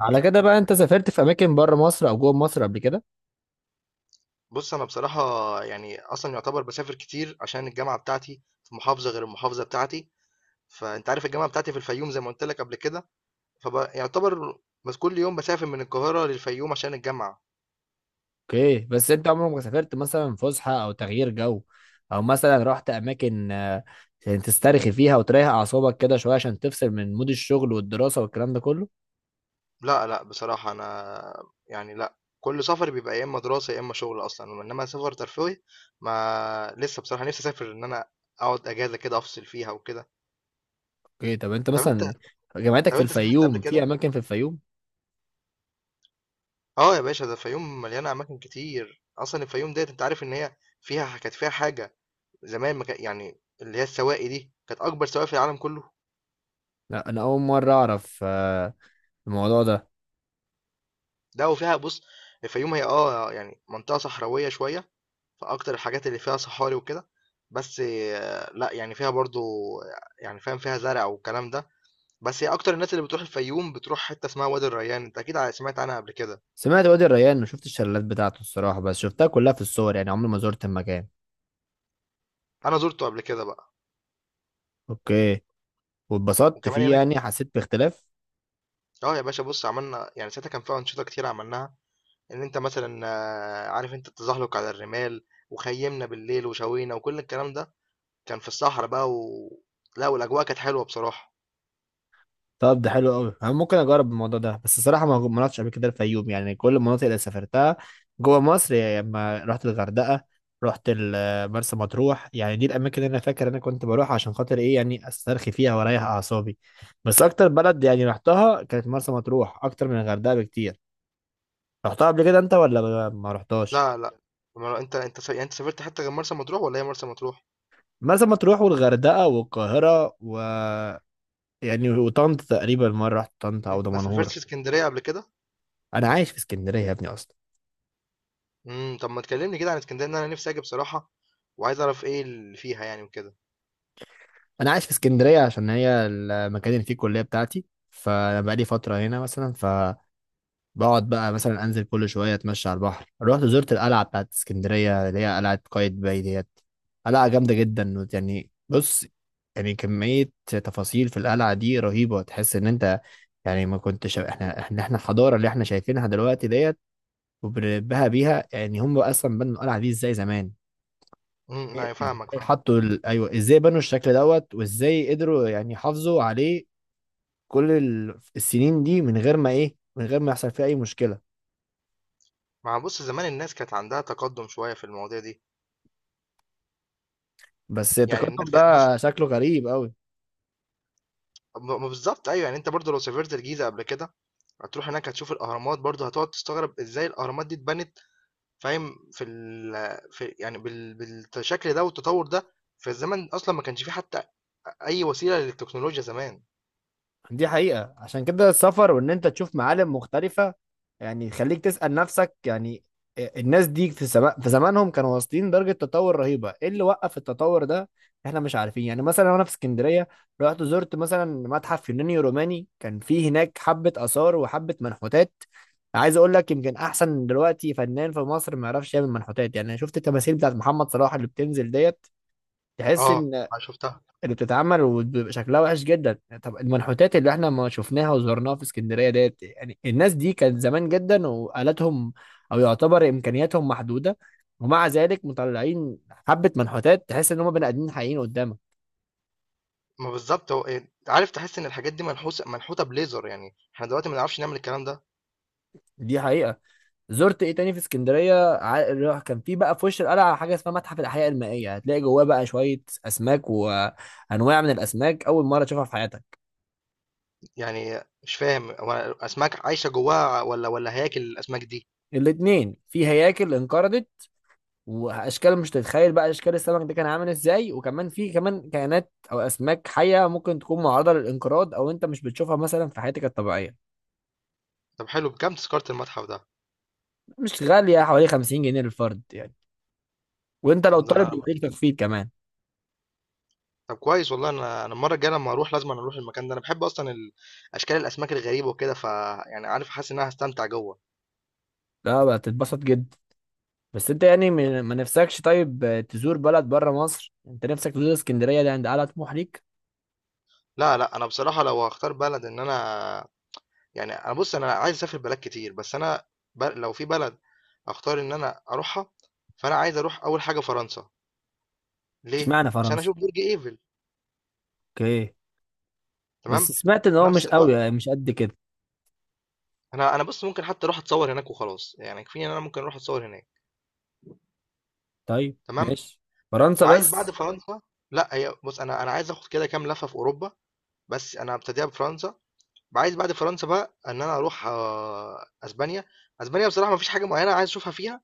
على كده بقى انت سافرت في اماكن بره مصر او جوه مصر قبل كده؟ بُص، أنا بصراحة يعني أصلًا يُعتبر باسافر كتير عشان الجامعة بتاعتي في محافظة غير المحافظة بتاعتي، فأنت عارف الجامعة بتاعتي في الفيوم زي ما قُلت لك قبل كده، فب يُعتبر بس كل يوم باسافر من القاهرة للفيوم عشان الجامعة. اوكي، بس انت عمرك ما سافرت مثلا فسحه او تغيير جو او مثلا رحت اماكن عشان تسترخي فيها وتريح اعصابك كده شويه عشان تفصل من مود الشغل والدراسه والكلام ده كله؟ لأ، لأ، بصراحة أنا يعني لأ، كل سفري بيبقى يا إمّا دراسة يا إمّا شغل أصلًا، إنّما سفر ترفيهي ما لسه بصراحة نِفْسي أسافر إن أنا أقعد أجازة كده أفصل فيها وكده. اوكي، طب انت طَب أنت مثلا جامعتك طَب في أنت سافرت قبل الفيوم، في كده؟ اماكن في الفيوم؟ آه يا باشا، ده الفيوم مليانة أماكن كتير، أصلًا الفيوم ديّة أنت عارف إن هي فيها ح كانت فيها حاجة زمان ما كان- يعني اللي هي السواقي دي كانت اكبر سواقي في العالم كله. لا، انا اول مره اعرف الموضوع ده. ده وفيها بص، الفيوم هي اه يعني منطقه صحراويه شويه، فاكتر الحاجات اللي فيها صحاري وكده. بس آه، لا يعني فيها برضو يعني فاهم فيها زرع والكلام ده. بس هي اكتر الناس اللي بتروح الفيوم بتروح حته اسمها وادي الريان، انت اكيد سمعت عنها قبل كده. سمعت وادي الريان، ما شفت الشلالات بتاعته الصراحه، بس شفتها كلها في الصور، يعني عمري ما زرت المكان. انا زرته قبل كده بقى اوكي، واتبسطت وكمان فيه هناك يعني؟ حسيت باختلاف؟ اه يا باشا بص، عملنا يعني ساعتها كان فيها انشطه كتير عملناها، ان انت مثلا آه، عارف انت التزحلق على الرمال وخيمنا بالليل وشوينا وكل الكلام ده، كان في الصحرا بقى و لأ، والأجواء كانت حلوة بصراحة. طب ده حلو قوي، انا ممكن اجرب الموضوع ده، بس الصراحه ما رحتش قبل كده الفيوم، يعني كل المناطق اللي سافرتها جوه مصر، يعني لما رحت الغردقه، رحت مرسى مطروح، يعني دي الاماكن اللي انا فاكر انا كنت بروح عشان خاطر ايه، يعني استرخي فيها واريح اعصابي. بس اكتر بلد يعني رحتها كانت مرسى مطروح، اكتر من الغردقه بكتير. رحتها قبل كده انت ولا ما رحتهاش؟ لا، لأ، ما هو أنت يعني أنت سافرت حتّة غير مرسى مطروح والّا هي مرسى مطروح؟ مرسى مطروح والغردقه والقاهره يعني وطنطا، تقريبا مره رحت طنطا او ما دمنهور. سافرتش إسكندرية قبل كده؟ انا عايش في اسكندريه يا ابني اصلا. طب ما تكلّمني كده عن إسكندرية، لأن أنا نِفْسي آجي بصراحة وعايز أعرف إيه اللي فيها يعني وكده. انا عايش في اسكندريه عشان هي المكان اللي فيه الكليه بتاعتي، فانا بقالي فتره هنا مثلا، فبقعد بقى مثلا انزل كل شويه اتمشى على البحر، رحت زرت القلعه بتاعت اسكندريه اللي هي قلعه قايتباي ديت. قلعه جامده جدا يعني، بص يعني كميه تفاصيل في القلعه دي رهيبه، تحس ان انت يعني ما كنتش، احنا الحضاره اللي احنا شايفينها دلوقتي ديت وبنبهى بيها، يعني هم اصلا بنوا القلعه دي ازاي زمان؟ أيوه فاهمك، إزاي فاهمك. حطوا ايوه، ازاي بنوا الشكل دوت وازاي قدروا يعني يحافظوا عليه كل السنين دي من غير ما ايه، من غير ما يحصل فيه اي مشكلة. ما هو بُص، زمان الناس كانت عندها تقدُّم شوية في المواضيع دي، بس يعني التقدم الناس كانت بُص ده شكله غريب قوي. ب ما بالضبط أيوه، يعني أنت برضه لو سافرت الجيزة قبل كده، هتروح هناك هتشوف الأهرامات برضه هتقعد تستغرب إزاي الأهرامات دي اتبنت. فاهم؟ في ال في يعني بال بالشكل ده والتطور ده في الزمن أصلا ما كانش فيه حتى أي وسيلة للتكنولوجيا زمان. دي حقيقة، عشان كده السفر وان انت تشوف معالم مختلفة يعني يخليك تسأل نفسك، يعني الناس دي في زمانهم كانوا واصلين درجة تطور رهيبة. ايه اللي وقف التطور ده؟ احنا مش عارفين. يعني مثلا وانا في اسكندرية رحت زرت مثلا متحف يوناني روماني، كان فيه هناك حبة آثار وحبة منحوتات. عايز اقول لك يمكن احسن دلوقتي فنان في مصر ما يعرفش يعمل منحوتات، يعني أنا شفت التماثيل بتاعت محمد صلاح اللي بتنزل ديت، تحس اه، ان أنا شفتها. اللي بتتعمل وبيبقى شكلها وحش جدا. طب المنحوتات اللي احنا ما شفناها وزرناها في اسكندريه ديت، يعني الناس دي كانت زمان جدا وآلاتهم او يعتبر امكانياتهم محدوده، ومع ذلك مطلعين حبه منحوتات تحس ان هم بني ادمين حقيقيين قدامك. ما بالظبط هو إيه، عارف تحس إن الحاجات دي منحوتة بليزر يعني احنا دلوقتي ما نعرفش نعمل الكلام ده. دي حقيقه. زرت ايه تاني في اسكندريه، اللي كان في بقى في وش القلعه حاجه اسمها متحف الاحياء المائيه، هتلاقي جواه بقى شويه اسماك وانواع من الاسماك اول مره تشوفها في حياتك. يعني مش فاهم، هو الأسماك عايشة جواها ولا هياكل الأسماك دي؟ الاتنين، في هياكل انقرضت واشكال مش تتخيل بقى اشكال السمك ده كان عامل ازاي، وكمان في كمان كائنات او اسماك حيه ممكن تكون معرضه للانقراض او انت مش بتشوفها مثلا في حياتك الطبيعيه. طب حلو، بكام تذكرة المتحف ده؟ مش غاليه، حوالي 50 جنيه للفرد يعني، وانت لو طب ده طالب أنا بيديك تخفيض كمان. طب كويس والله، أنا أنا المرة الجاية لما أروح لازم أنا أروح المكان ده، أنا بحب أصلا أشكال الأسماك الغريبة وكده، ف يعني عارف حاسس إن أنا هستمتع جوه. لا بقى، تتبسط جدا. بس انت يعني ما نفسكش طيب تزور بلد بره مصر؟ انت نفسك تزور اسكندريه، ده عند اعلى طموح ليك؟ لا لا، انا بصراحه لو هختار بلد ان انا يعني، انا بص، انا عايز اسافر بلاد كتير بس انا لو في بلد اختار ان انا اروحها، فانا عايز اروح اول حاجه فرنسا. ليه؟ اشمعنى عشان فرنسا؟ اشوف برج ايفل. اوكي. تمام. بس سمعت ان في هو مش نفس قوي، الوقت يعني مش قد كده. انا بص ممكن حتى اروح اتصور هناك وخلاص، يعني كفايه ان انا ممكن اروح اتصور هناك. طيب تمام. ماشي، فرنسا وعايز بعد بس. فرنسا، لا هي بص انا عايز اخد كده كام لفه في اوروبا بس انا هبتديها بفرنسا. عايز بعد فرنسا بقى ان انا اروح آه، اسبانيا. اسبانيا بصراحه ما فيش حاجه معينه عايز اشوفها فيها،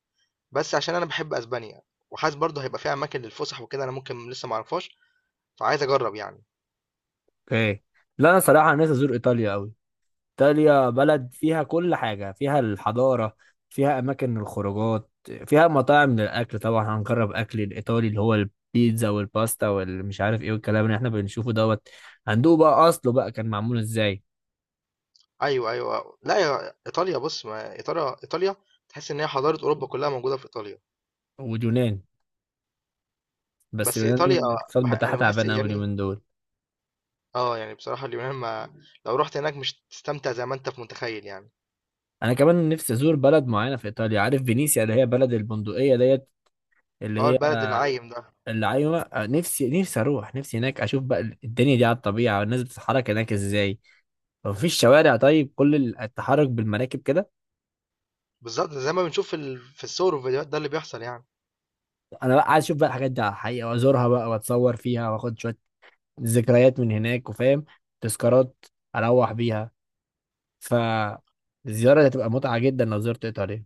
بس عشان أنا باحب أسبانيا، وحاسس برضه هيبقى فيها أماكن للفُسح وكده أنا ممكن لسه ما أعرفهاش، فعايز أجرّب يعني. اوكي، لا انا صراحه نفسي ازور ايطاليا قوي. إيطاليا بلد فيها كل حاجة، فيها الحضارة، فيها أماكن الخروجات، فيها مطاعم للأكل. طبعا هنجرب أكل الإيطالي اللي هو البيتزا والباستا والمش عارف إيه والكلام اللي إحنا بنشوفه دوت، هندوق بقى أصله بقى كان معمول إزاي. أيوه، أيوه، لأ يا إيطاليا بُص، ما إيطاليا تحس إن هي حضارة أوروبا كلّها موجودة في إيطاليا، واليونان، بس بس اليونان إيطاليا الاقتصاد بتاعها أنا باحس تعبان أوي يعني اليومين دول. آه، يعني بصراحة اليونان ما لو رُحت هناك مش هتستمتع زي ما أنت متخيّل يعني. أنا كمان نفسي أزور بلد معينة في إيطاليا، عارف فينيسيا اللي هي بلد البندقية ديت، اللي آه، هي، البلد العايم ده، اللي أيوة، نفسي أروح، نفسي هناك أشوف بقى الدنيا دي على الطبيعة والناس بتتحرك هناك إزاي. مفيش شوارع طيب، كل التحرك بالمراكب كده. بالضبط زي ما بنشوف في ال في الصور والفيديوهات ده اللي بيحصل يعني. انا بقى عايز اشوف بقى الحاجات دي على الحقيقه وازورها بقى واتصور فيها واخد شويه ذكريات من هناك وفاهم، تذكارات اروح بيها. فالزياره دي هتبقى متعه جدا لو زرت ايطاليا.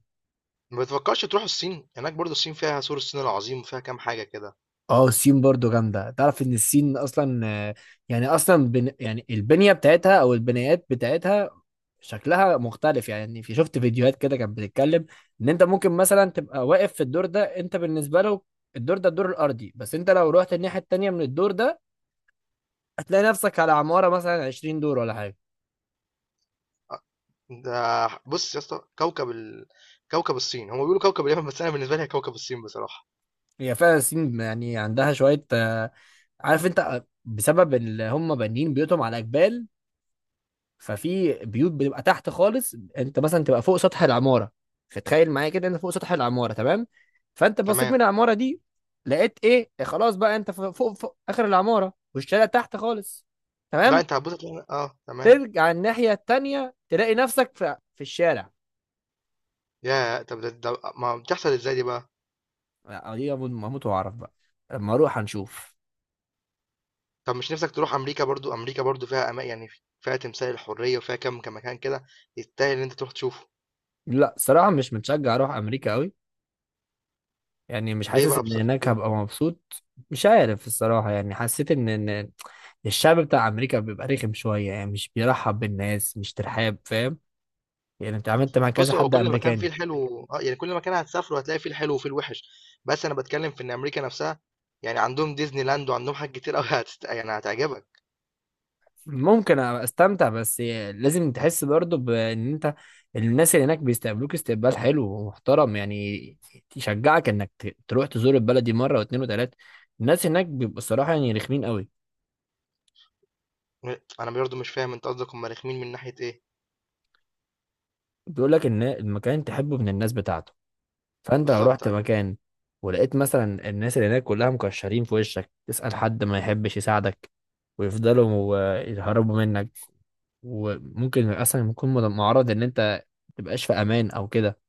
ما بتفكّرش تروحوا الصين؟ هناك برضه الصين فيها سور الصين العظيم وفيها كام حاجة كده. اه، الصين برضو جامدة. تعرف ان الصين اصلا يعني اصلا يعني البنية بتاعتها او البنايات بتاعتها شكلها مختلف؟ يعني في، شفت فيديوهات كده كانت بتتكلم ان انت ممكن مثلا تبقى واقف في الدور ده، انت بالنسبة له الدور ده الدور الارضي، بس انت لو رحت الناحية التانية من الدور ده هتلاقي نفسك على عمارة مثلا 20 دور ولا حاجة. ده بص يا اسطى كوكب الصين، هم بيقولوا كوكب اليمن بس انا بالنسبه لي هي كوكب الصين بصراحه. هي فعلا الصين يعني عندها شوية، عارف انت، بسبب اللي هم بانيين بيوتهم على جبال. ففي بيوت بتبقى تحت خالص، انت مثلا تبقى فوق سطح العماره. فتخيل معايا كده، انت فوق سطح العماره، تمام؟ فانت بصيت من تمام. العماره دي لقيت ايه؟ خلاص بقى انت فوق, اخر العماره والشارع تحت خالص، لا تمام؟ انت هتبص تلاقي اه تمام. ترجع الناحيه التانيه تلاقي نفسك في الشارع. يا طب ده ما بتحصل ازاي دي بقى. لا، دي هموت هموت واعرف بقى لما اروح هنشوف. طب مش نفسك تروح امريكا برضو؟ امريكا برضو فيها يعني فيها تمثال الحريه وفيها كم مكان كده يستاهل ان انت تروح تشوفه. لا صراحه مش متشجع اروح امريكا قوي، يعني مش ليه حاسس بقى؟ ان هناك ليه؟ هبقى مبسوط. مش عارف الصراحة، يعني حسيت ان الشعب بتاع امريكا بيبقى رخم شوية، يعني مش بيرحب بالناس، مش ترحاب، فاهم؟ يعني انت عملت مع كذا بص، هو حد كل مكان فيه امريكاني. الحلو، اه يعني كل مكان هتسافره هتلاقي فيه الحلو وفيه الوحش، بس انا بتكلم في ان امريكا نفسها يعني عندهم ديزني لاند وعندهم حاجات كتير قوي يعني هتعجبك. ممكن أبقى استمتع، بس لازم تحس برضو بان انت الناس اللي هناك بيستقبلوك استقبال حلو ومحترم يعني، يشجعك انك تروح تزور البلد دي مرة واتنين وتلاتة. الناس هناك بيبقوا الصراحة يعني رخمين قوي. م أنا برضه مش فاهم، أنت قصدك هم رخمين من ناحية إيه؟ بيقول لك ان المكان تحبه من الناس بتاعته، فانت لو بالضبط رحت أيوه، مكان ولقيت مثلا الناس اللي هناك كلها مكشرين في وشك، تسأل حد ما يحبش يساعدك، ويفضلوا يهربوا منك، وممكن اصلا يكون معرض ان انت متبقاش في امان او كده.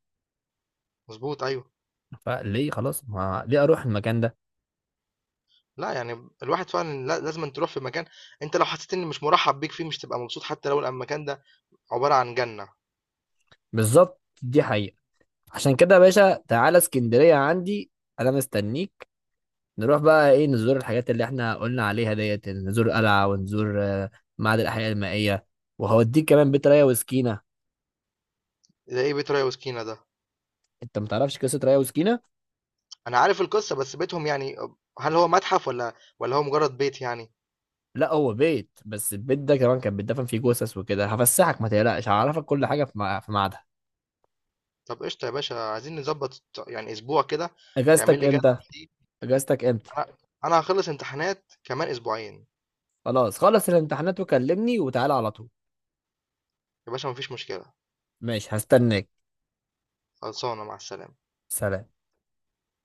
مضبوط أيوه، فليه خلاص، ما ليه اروح المكان ده. لأ يعني الواحد فعلًا لا لازمًا تروح في مكان أنت لو حسيت إن مش مرحب بيك فيه مش هتبقى مبسوط حتى لو المكان ده عبارة عن جنة. بالظبط، دي حقيقة. عشان كده يا باشا، تعالى اسكندرية عندي، انا مستنيك. نروح بقى ايه، نزور الحاجات اللي احنا قلنا عليها ديت، نزور قلعة ونزور معهد الاحياء المائية، وهوديك كمان بيت ريا وسكينة. زي إيه بيت ريا وسكينة ده؟ انت متعرفش قصة ريا وسكينة؟ أنا عارف القصة بس بيتهم يعني هل هو متحف والّا هو مجرد بيت يعني؟ لا، هو بيت، بس البيت ده كمان كان بيتدفن فيه جثث وكده. هفسحك ما تقلقش، هعرفك كل حاجه في في ميعادها. طب قشطة يا باشا، عايزين نضبط يعني أسبوع كده، تعمل اجازتك لي امتى؟ جدول فيه. اجازتك امتى؟ أنا أنا هاخلص امتحانات كمان أسبوعين، خلاص، خلص الامتحانات وكلمني وتعالى على طول. يا باشا ما فيش مشكلة، ماشي، هستناك. خلصانة مع السلامة. سلام.